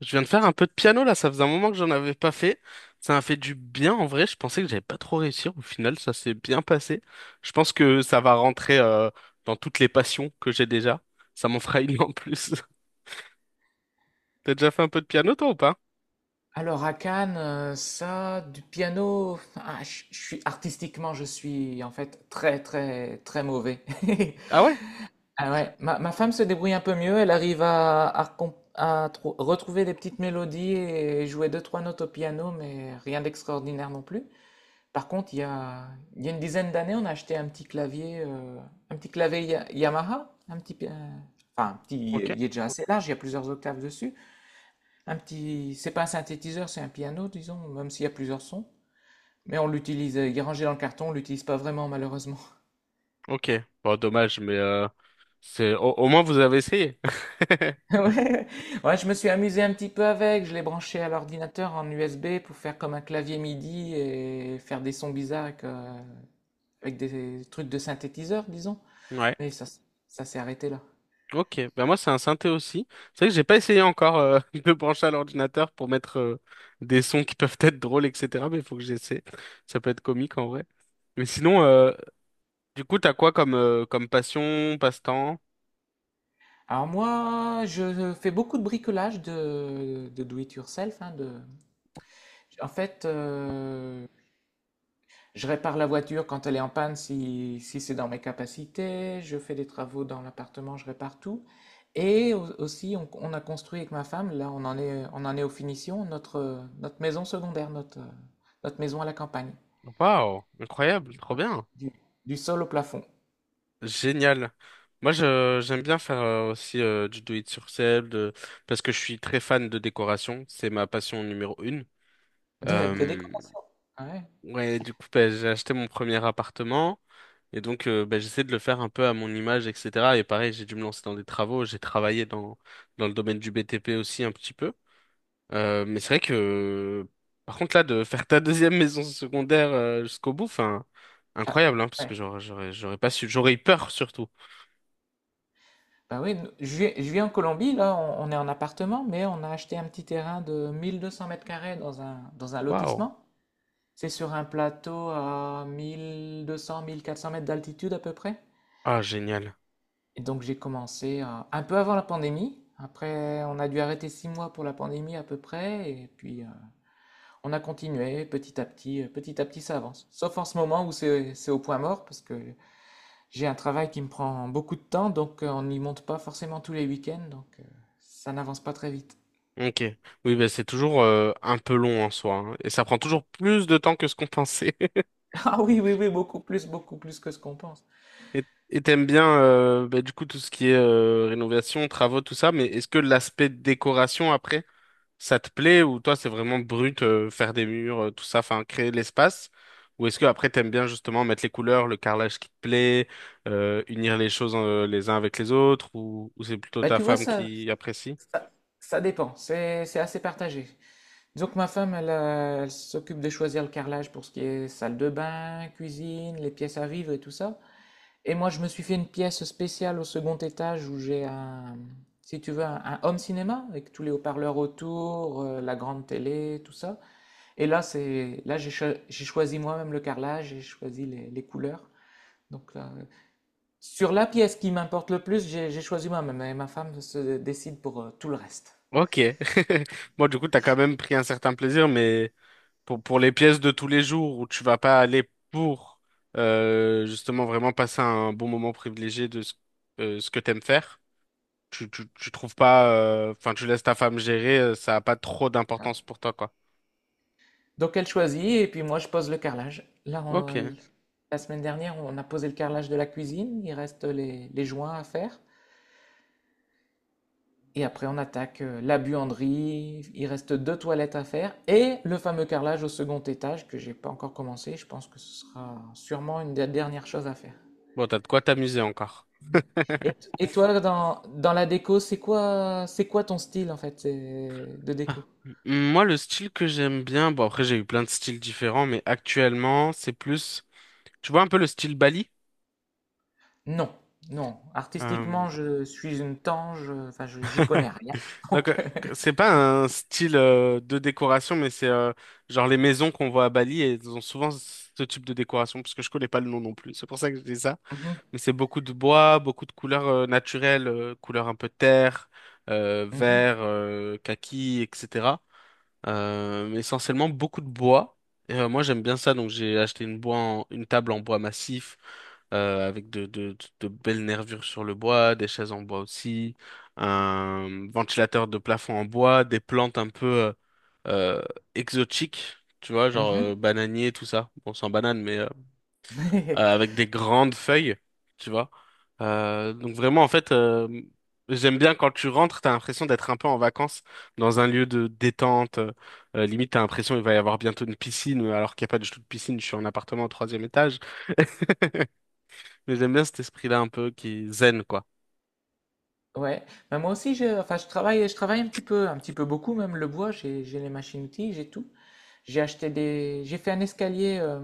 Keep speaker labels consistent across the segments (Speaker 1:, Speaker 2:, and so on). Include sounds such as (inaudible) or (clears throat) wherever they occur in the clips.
Speaker 1: Je viens de faire un peu de piano là, ça faisait un moment que j'en avais pas fait. Ça m'a fait du bien en vrai, je pensais que j'allais pas trop réussir. Au final, ça s'est bien passé. Je pense que ça va rentrer dans toutes les passions que j'ai déjà. Ça m'en fera une en plus. (laughs) T'as déjà fait un peu de piano toi ou pas?
Speaker 2: Alors à Cannes, ça, du piano, ah, je suis artistiquement, je suis en fait très très très mauvais. (laughs)
Speaker 1: Ah ouais?
Speaker 2: Ah ouais, ma femme se débrouille un peu mieux, elle arrive à retrouver des petites mélodies et jouer deux trois notes au piano, mais rien d'extraordinaire non plus. Par contre, il y a une dizaine d'années, on a acheté un petit clavier Yamaha, enfin un petit,
Speaker 1: Ok.
Speaker 2: il est déjà assez large, il y a plusieurs octaves dessus. Un petit, c'est pas un synthétiseur, c'est un piano, disons, même s'il y a plusieurs sons. Mais on l'utilise, il est rangé dans le carton, on l'utilise pas vraiment malheureusement. (laughs)
Speaker 1: Ok. Bon, dommage, mais c'est au moins vous avez essayé. (laughs)
Speaker 2: Ouais. Ouais, je me suis amusé un petit peu avec, je l'ai branché à l'ordinateur en USB pour faire comme un clavier MIDI et faire des sons bizarres avec, avec des trucs de synthétiseur, disons.
Speaker 1: Ouais.
Speaker 2: Mais ça, s- Ça s'est arrêté là.
Speaker 1: Ok, ben moi c'est un synthé aussi. C'est vrai que j'ai pas essayé encore (laughs) de me brancher à l'ordinateur pour mettre des sons qui peuvent être drôles, etc. Mais il faut que j'essaie. Ça peut être comique en vrai. Mais sinon, du coup, t'as quoi comme comme passion, passe-temps?
Speaker 2: Alors moi, je fais beaucoup de bricolage de do it yourself, hein, de... En fait, je répare la voiture quand elle est en panne si, si c'est dans mes capacités. Je fais des travaux dans l'appartement, je répare tout. Et aussi, on a construit avec ma femme, là on en est aux finitions, notre maison secondaire, notre maison à la campagne.
Speaker 1: Waouh, incroyable, trop
Speaker 2: Ouais.
Speaker 1: bien.
Speaker 2: Du, du sol au plafond.
Speaker 1: Génial. Moi, j'aime bien faire aussi du do it yourself de- parce que je suis très fan de décoration. C'est ma passion numéro une.
Speaker 2: De
Speaker 1: Euh,
Speaker 2: décoration. Ah ouais.
Speaker 1: ouais, du coup, bah, j'ai acheté mon premier appartement et donc bah, j'essaie de le faire un peu à mon image, etc. Et pareil, j'ai dû me lancer dans des travaux. J'ai travaillé dans le domaine du BTP aussi un petit peu. Mais c'est vrai que, par contre, là, de faire ta deuxième (laughs) maison secondaire jusqu'au bout, enfin,
Speaker 2: Ah,
Speaker 1: incroyable, hein, parce
Speaker 2: ouais.
Speaker 1: que j'aurais pas su, j'aurais eu peur surtout.
Speaker 2: Bah oui, je vis en Colombie, là on est en appartement, mais on a acheté un petit terrain de 1200 mètres carrés dans un
Speaker 1: Waouh.
Speaker 2: lotissement. C'est sur un plateau à mille deux cents, mille quatre cents mètres d'altitude à peu près.
Speaker 1: Ah, génial.
Speaker 2: Et donc j'ai commencé un peu avant la pandémie. Après, on a dû arrêter six mois pour la pandémie à peu près. Et puis on a continué petit à petit. Petit à petit, ça avance. Sauf en ce moment où c'est au point mort parce que j'ai un travail qui me prend beaucoup de temps. Donc on n'y monte pas forcément tous les week-ends. Donc ça n'avance pas très vite.
Speaker 1: Ok. Oui, bah, c'est toujours un peu long en soi, hein, et ça prend toujours plus de temps que ce qu'on pensait. (laughs)
Speaker 2: (laughs) Ah oui, oui, oui, beaucoup plus que ce qu'on pense.
Speaker 1: Et et t'aimes bien, bah, du coup, tout ce qui est rénovation, travaux, tout ça, mais est-ce que l'aspect décoration après ça te plaît ou toi c'est vraiment brut, faire des murs, tout ça, enfin créer de l'espace? Ou est-ce que après t'aimes bien justement mettre les couleurs, le carrelage qui te plaît, unir les choses les uns avec les autres ou c'est plutôt
Speaker 2: Bah,
Speaker 1: ta
Speaker 2: tu vois,
Speaker 1: femme qui apprécie?
Speaker 2: Ça, ça dépend, c'est assez partagé. Disons que ma femme, elle, elle s'occupe de choisir le carrelage pour ce qui est salle de bain, cuisine, les pièces à vivre et tout ça. Et moi, je me suis fait une pièce spéciale au second étage où j'ai si tu veux, un home cinéma avec tous les haut-parleurs autour, la grande télé, tout ça. Et là, c'est, là, j'ai cho- j'ai choisi moi-même le carrelage, j'ai choisi les couleurs. Donc là, sur la pièce qui m'importe le plus, j'ai choisi moi-même et ma femme se décide pour tout le reste.
Speaker 1: Ok. (laughs) Bon, du coup, t'as quand même pris un certain plaisir, mais pour les pièces de tous les jours où tu vas pas aller pour justement vraiment passer un bon moment privilégié de ce, ce que t'aimes faire, tu trouves pas, enfin, tu laisses ta femme gérer, ça a pas trop d'importance pour toi, quoi.
Speaker 2: Donc elle choisit et puis moi je pose le carrelage.
Speaker 1: Ok.
Speaker 2: La semaine dernière, on a posé le carrelage de la cuisine, il reste les joints à faire. Et après, on attaque la buanderie, il reste deux toilettes à faire et le fameux carrelage au second étage que j'ai pas encore commencé. Je pense que ce sera sûrement une des dernières choses à faire.
Speaker 1: Bon, t'as de quoi t'amuser encore.
Speaker 2: Et toi, dans, dans la déco, c'est quoi, c'est quoi ton style de
Speaker 1: Ah.
Speaker 2: déco?
Speaker 1: M- Moi, le style que j'aime bien, bon, après, j'ai eu plein de styles différents, mais actuellement, c'est plus, tu vois un peu le style Bali?
Speaker 2: Non, non.
Speaker 1: Euh,
Speaker 2: Artistiquement, je suis une tange, enfin, j'y connais rien. (laughs) Donc,
Speaker 1: c'est pas un style de décoration, mais c'est genre les maisons qu'on voit à Bali, et elles ont souvent ce type de décoration, parce que je connais pas le nom non plus. C'est pour ça que je dis ça.
Speaker 2: mhm.
Speaker 1: Et c'est beaucoup de bois, beaucoup de couleurs naturelles, couleurs un peu terre,
Speaker 2: Mmh mh.
Speaker 1: vert, kaki, etc. Mais essentiellement beaucoup de bois. Et, moi j'aime bien ça, donc j'ai acheté une table en bois massif avec de belles nervures sur le bois, des chaises en bois aussi, un ventilateur de plafond en bois, des plantes un peu euh, exotiques, tu vois, genre
Speaker 2: (laughs)
Speaker 1: bananier, tout ça. Bon, sans banane, mais avec des grandes feuilles, tu vois. Donc vraiment, en fait, j'aime bien quand tu rentres, t'as l'impression d'être un peu en vacances dans un lieu de détente. Limite, t'as l'impression il va y avoir bientôt une piscine, alors qu'il n'y a pas du tout de piscine, je suis en appartement au troisième étage. (laughs) Mais j'aime bien cet esprit-là un peu qui est zen, quoi.
Speaker 2: Ouais. Bah, moi aussi je travaille un petit peu beaucoup même le bois, j'ai les machines-outils, j'ai tout. J'ai acheté des J'ai fait un escalier,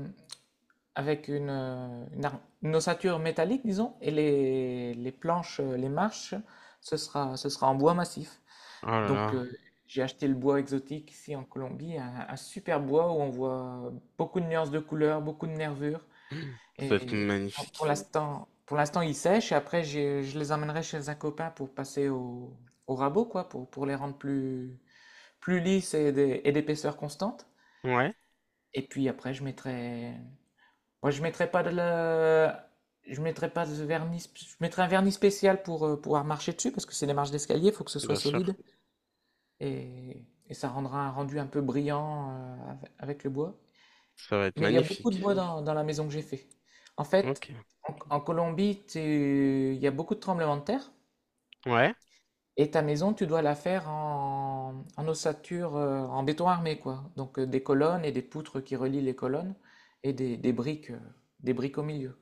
Speaker 2: avec une ossature métallique disons et les planches, les marches, ce sera en bois massif.
Speaker 1: Oh là
Speaker 2: Donc
Speaker 1: là,
Speaker 2: j'ai acheté le bois exotique ici en Colombie, un super bois où on voit beaucoup de nuances de couleurs, beaucoup de nervures.
Speaker 1: (clears throat) ça va être
Speaker 2: Et
Speaker 1: magnifique.
Speaker 2: pour l'instant, ils sèchent. Et après, je les emmènerai chez un copain pour passer au, au rabot, quoi, pour les rendre plus, plus lisses et d'épaisseur constante.
Speaker 1: Ouais,
Speaker 2: Et puis après, je mettrai pas de la, je mettrai pas de vernis, sp- je mettrai un vernis spécial pour pouvoir marcher dessus parce que c'est des marches d'escalier, il faut que ce soit
Speaker 1: bien sûr,
Speaker 2: solide et ça rendra un rendu un peu brillant avec le bois.
Speaker 1: ça va être
Speaker 2: Mais il y a beaucoup de
Speaker 1: magnifique.
Speaker 2: bois dans, dans la maison que j'ai fait. En fait,
Speaker 1: Ok,
Speaker 2: en, en Colombie, il y a beaucoup de tremblements de terre.
Speaker 1: ouais,
Speaker 2: Et ta maison, tu dois la faire en, en ossature, en béton armé, quoi. Donc des colonnes et des poutres qui relient les colonnes et des briques au milieu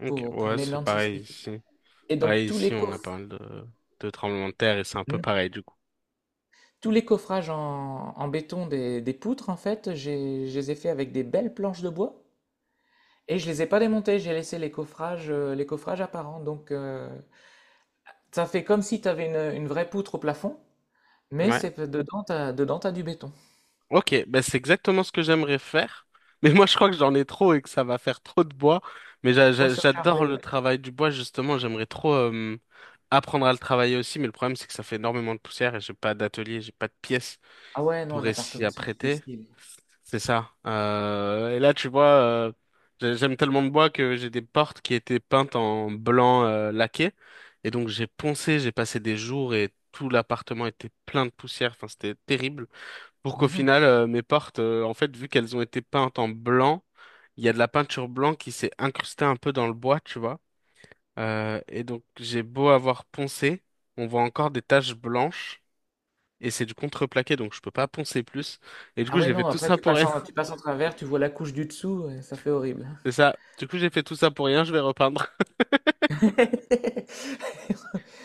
Speaker 1: ok,
Speaker 2: pour
Speaker 1: ouais,
Speaker 2: les
Speaker 1: c'est
Speaker 2: normes
Speaker 1: pareil
Speaker 2: sismiques.
Speaker 1: ici.
Speaker 2: Et donc
Speaker 1: Pareil
Speaker 2: tous
Speaker 1: ici,
Speaker 2: les
Speaker 1: on a
Speaker 2: coffres,
Speaker 1: pas mal de tremblements de terre et c'est un peu
Speaker 2: hmm,
Speaker 1: pareil du coup.
Speaker 2: tous les coffrages en, en béton des poutres, en fait, je les ai fait avec des belles planches de bois. Et je les ai pas démontés, j'ai laissé les coffrages apparents. Donc, ça fait comme si tu avais une vraie poutre au plafond, mais
Speaker 1: Ouais.
Speaker 2: c'est dedans, t'as du béton.
Speaker 1: Ok, ben c'est exactement ce que j'aimerais faire. (laughs) Mais moi, je crois que j'en ai trop et que ça va faire trop de bois. Mais
Speaker 2: Trop
Speaker 1: j'adore
Speaker 2: surchargé,
Speaker 1: le
Speaker 2: ouais.
Speaker 1: travail du bois, justement. J'aimerais trop apprendre à le travailler aussi. Mais le problème, c'est que ça fait énormément de poussière et j'ai pas d'atelier, j'ai pas de pièces
Speaker 2: Ah ouais, non,
Speaker 1: pour
Speaker 2: un
Speaker 1: s'y
Speaker 2: appartement, c'est
Speaker 1: apprêter.
Speaker 2: difficile.
Speaker 1: C'est ça. Et là, tu vois, j'aime tellement le bois que j'ai des portes qui étaient peintes en blanc laqué. Et donc, j'ai poncé, j'ai passé des jours et tout l'appartement était plein de poussière. Enfin, c'était terrible. Pour qu'au
Speaker 2: Mhm.
Speaker 1: final, mes portes, en fait, vu qu'elles ont été peintes en blanc, il y a de la peinture blanc qui s'est incrustée un peu dans le bois, tu vois. Et donc, j'ai beau avoir poncé, on voit encore des taches blanches. Et c'est du contreplaqué, donc je peux pas poncer plus. Et du
Speaker 2: Ah
Speaker 1: coup,
Speaker 2: ouais,
Speaker 1: j'ai fait
Speaker 2: non,
Speaker 1: tout
Speaker 2: après,
Speaker 1: ça pour rien.
Speaker 2: tu passes en travers, tu vois la couche du dessous, ouais, ça fait horrible.
Speaker 1: C'est ça. Du coup, j'ai fait tout ça pour rien, je vais repeindre.
Speaker 2: (laughs)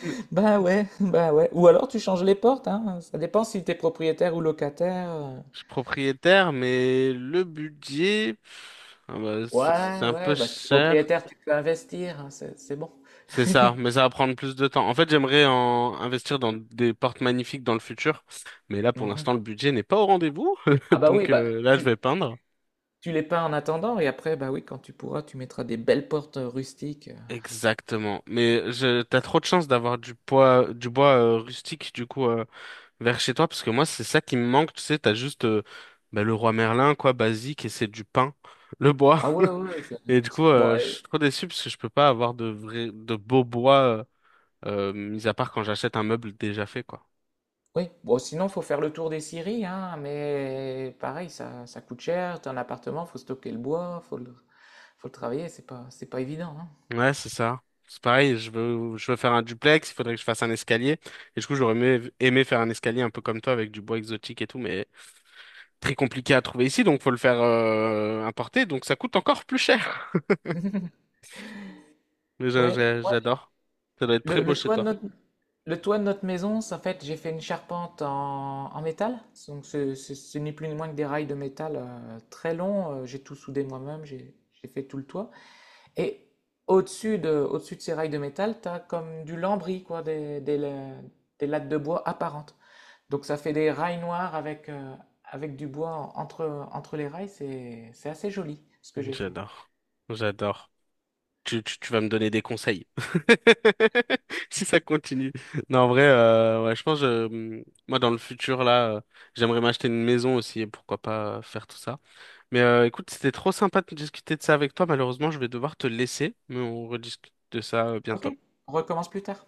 Speaker 1: (laughs) Mais
Speaker 2: Bah ouais, bah ouais. Ou alors, tu changes les portes, hein. Ça dépend si t'es propriétaire ou locataire.
Speaker 1: je suis propriétaire, mais le budget, pff, ah bah, c'est
Speaker 2: Ouais,
Speaker 1: un peu
Speaker 2: ouais, bah si t'es
Speaker 1: cher.
Speaker 2: propriétaire, tu peux investir, hein, c'est bon.
Speaker 1: C'est ça,
Speaker 2: (laughs)
Speaker 1: mais ça va prendre plus de temps. En fait, j'aimerais en investir dans des portes magnifiques dans le futur, mais là, pour
Speaker 2: Mhm.
Speaker 1: l'instant, le budget n'est pas au rendez-vous. (laughs)
Speaker 2: Ah bah oui,
Speaker 1: Donc
Speaker 2: bah
Speaker 1: là, je
Speaker 2: tu,
Speaker 1: vais peindre.
Speaker 2: Tu les peins en attendant et après, bah oui, quand tu pourras, tu mettras des belles portes rustiques.
Speaker 1: Exactement. Mais t'as trop de chance d'avoir du bois rustique, du coup, vers chez toi, parce que moi, c'est ça qui me manque. Tu sais, t'as juste bah, le roi Merlin, quoi, basique, et c'est du pain, le bois.
Speaker 2: Ah ouais, ouais,
Speaker 1: Et du coup,
Speaker 2: bon,
Speaker 1: je suis trop déçu parce que je peux pas avoir de vrai, de beau bois, mis à part quand j'achète un meuble déjà fait, quoi.
Speaker 2: oui, bon, sinon, faut faire le tour des scieries, hein, mais pareil, ça coûte cher, t'as un appartement, faut stocker le bois, faut le travailler, c'est pas évident, hein.
Speaker 1: Ouais, c'est ça. C'est pareil, je veux faire un duplex, il faudrait que je fasse un escalier. Et du coup, aimé faire un escalier un peu comme toi avec du bois exotique et tout, mais très compliqué à trouver ici, donc faut le faire, importer, donc ça coûte encore plus cher. (laughs) Mais
Speaker 2: Ouais, ouais,
Speaker 1: j'adore. Ça doit être très
Speaker 2: le,
Speaker 1: beau
Speaker 2: le
Speaker 1: chez
Speaker 2: toit de
Speaker 1: toi.
Speaker 2: notre, le toit de notre maison, ça, en fait, j'ai fait une charpente en, en métal, donc ce n'est plus ni moins que des rails de métal très longs, j'ai tout soudé moi-même, j'ai fait tout le toit. Et au-dessus de ces rails de métal, tu as comme du lambris, quoi, des lattes de bois apparentes. Donc ça fait des rails noirs avec, avec du bois entre, entre les rails. C'est assez joli ce que j'ai fait.
Speaker 1: J'adore. J'adore. Tu vas me donner des conseils. (laughs) Si ça continue. Non, en vrai, ouais, je pense, moi, dans le futur, là, j'aimerais m'acheter une maison aussi et pourquoi pas faire tout ça. Mais écoute, c'était trop sympa de discuter de ça avec toi. Malheureusement, je vais devoir te laisser, mais on rediscute de ça
Speaker 2: Ok,
Speaker 1: bientôt.
Speaker 2: on recommence plus tard.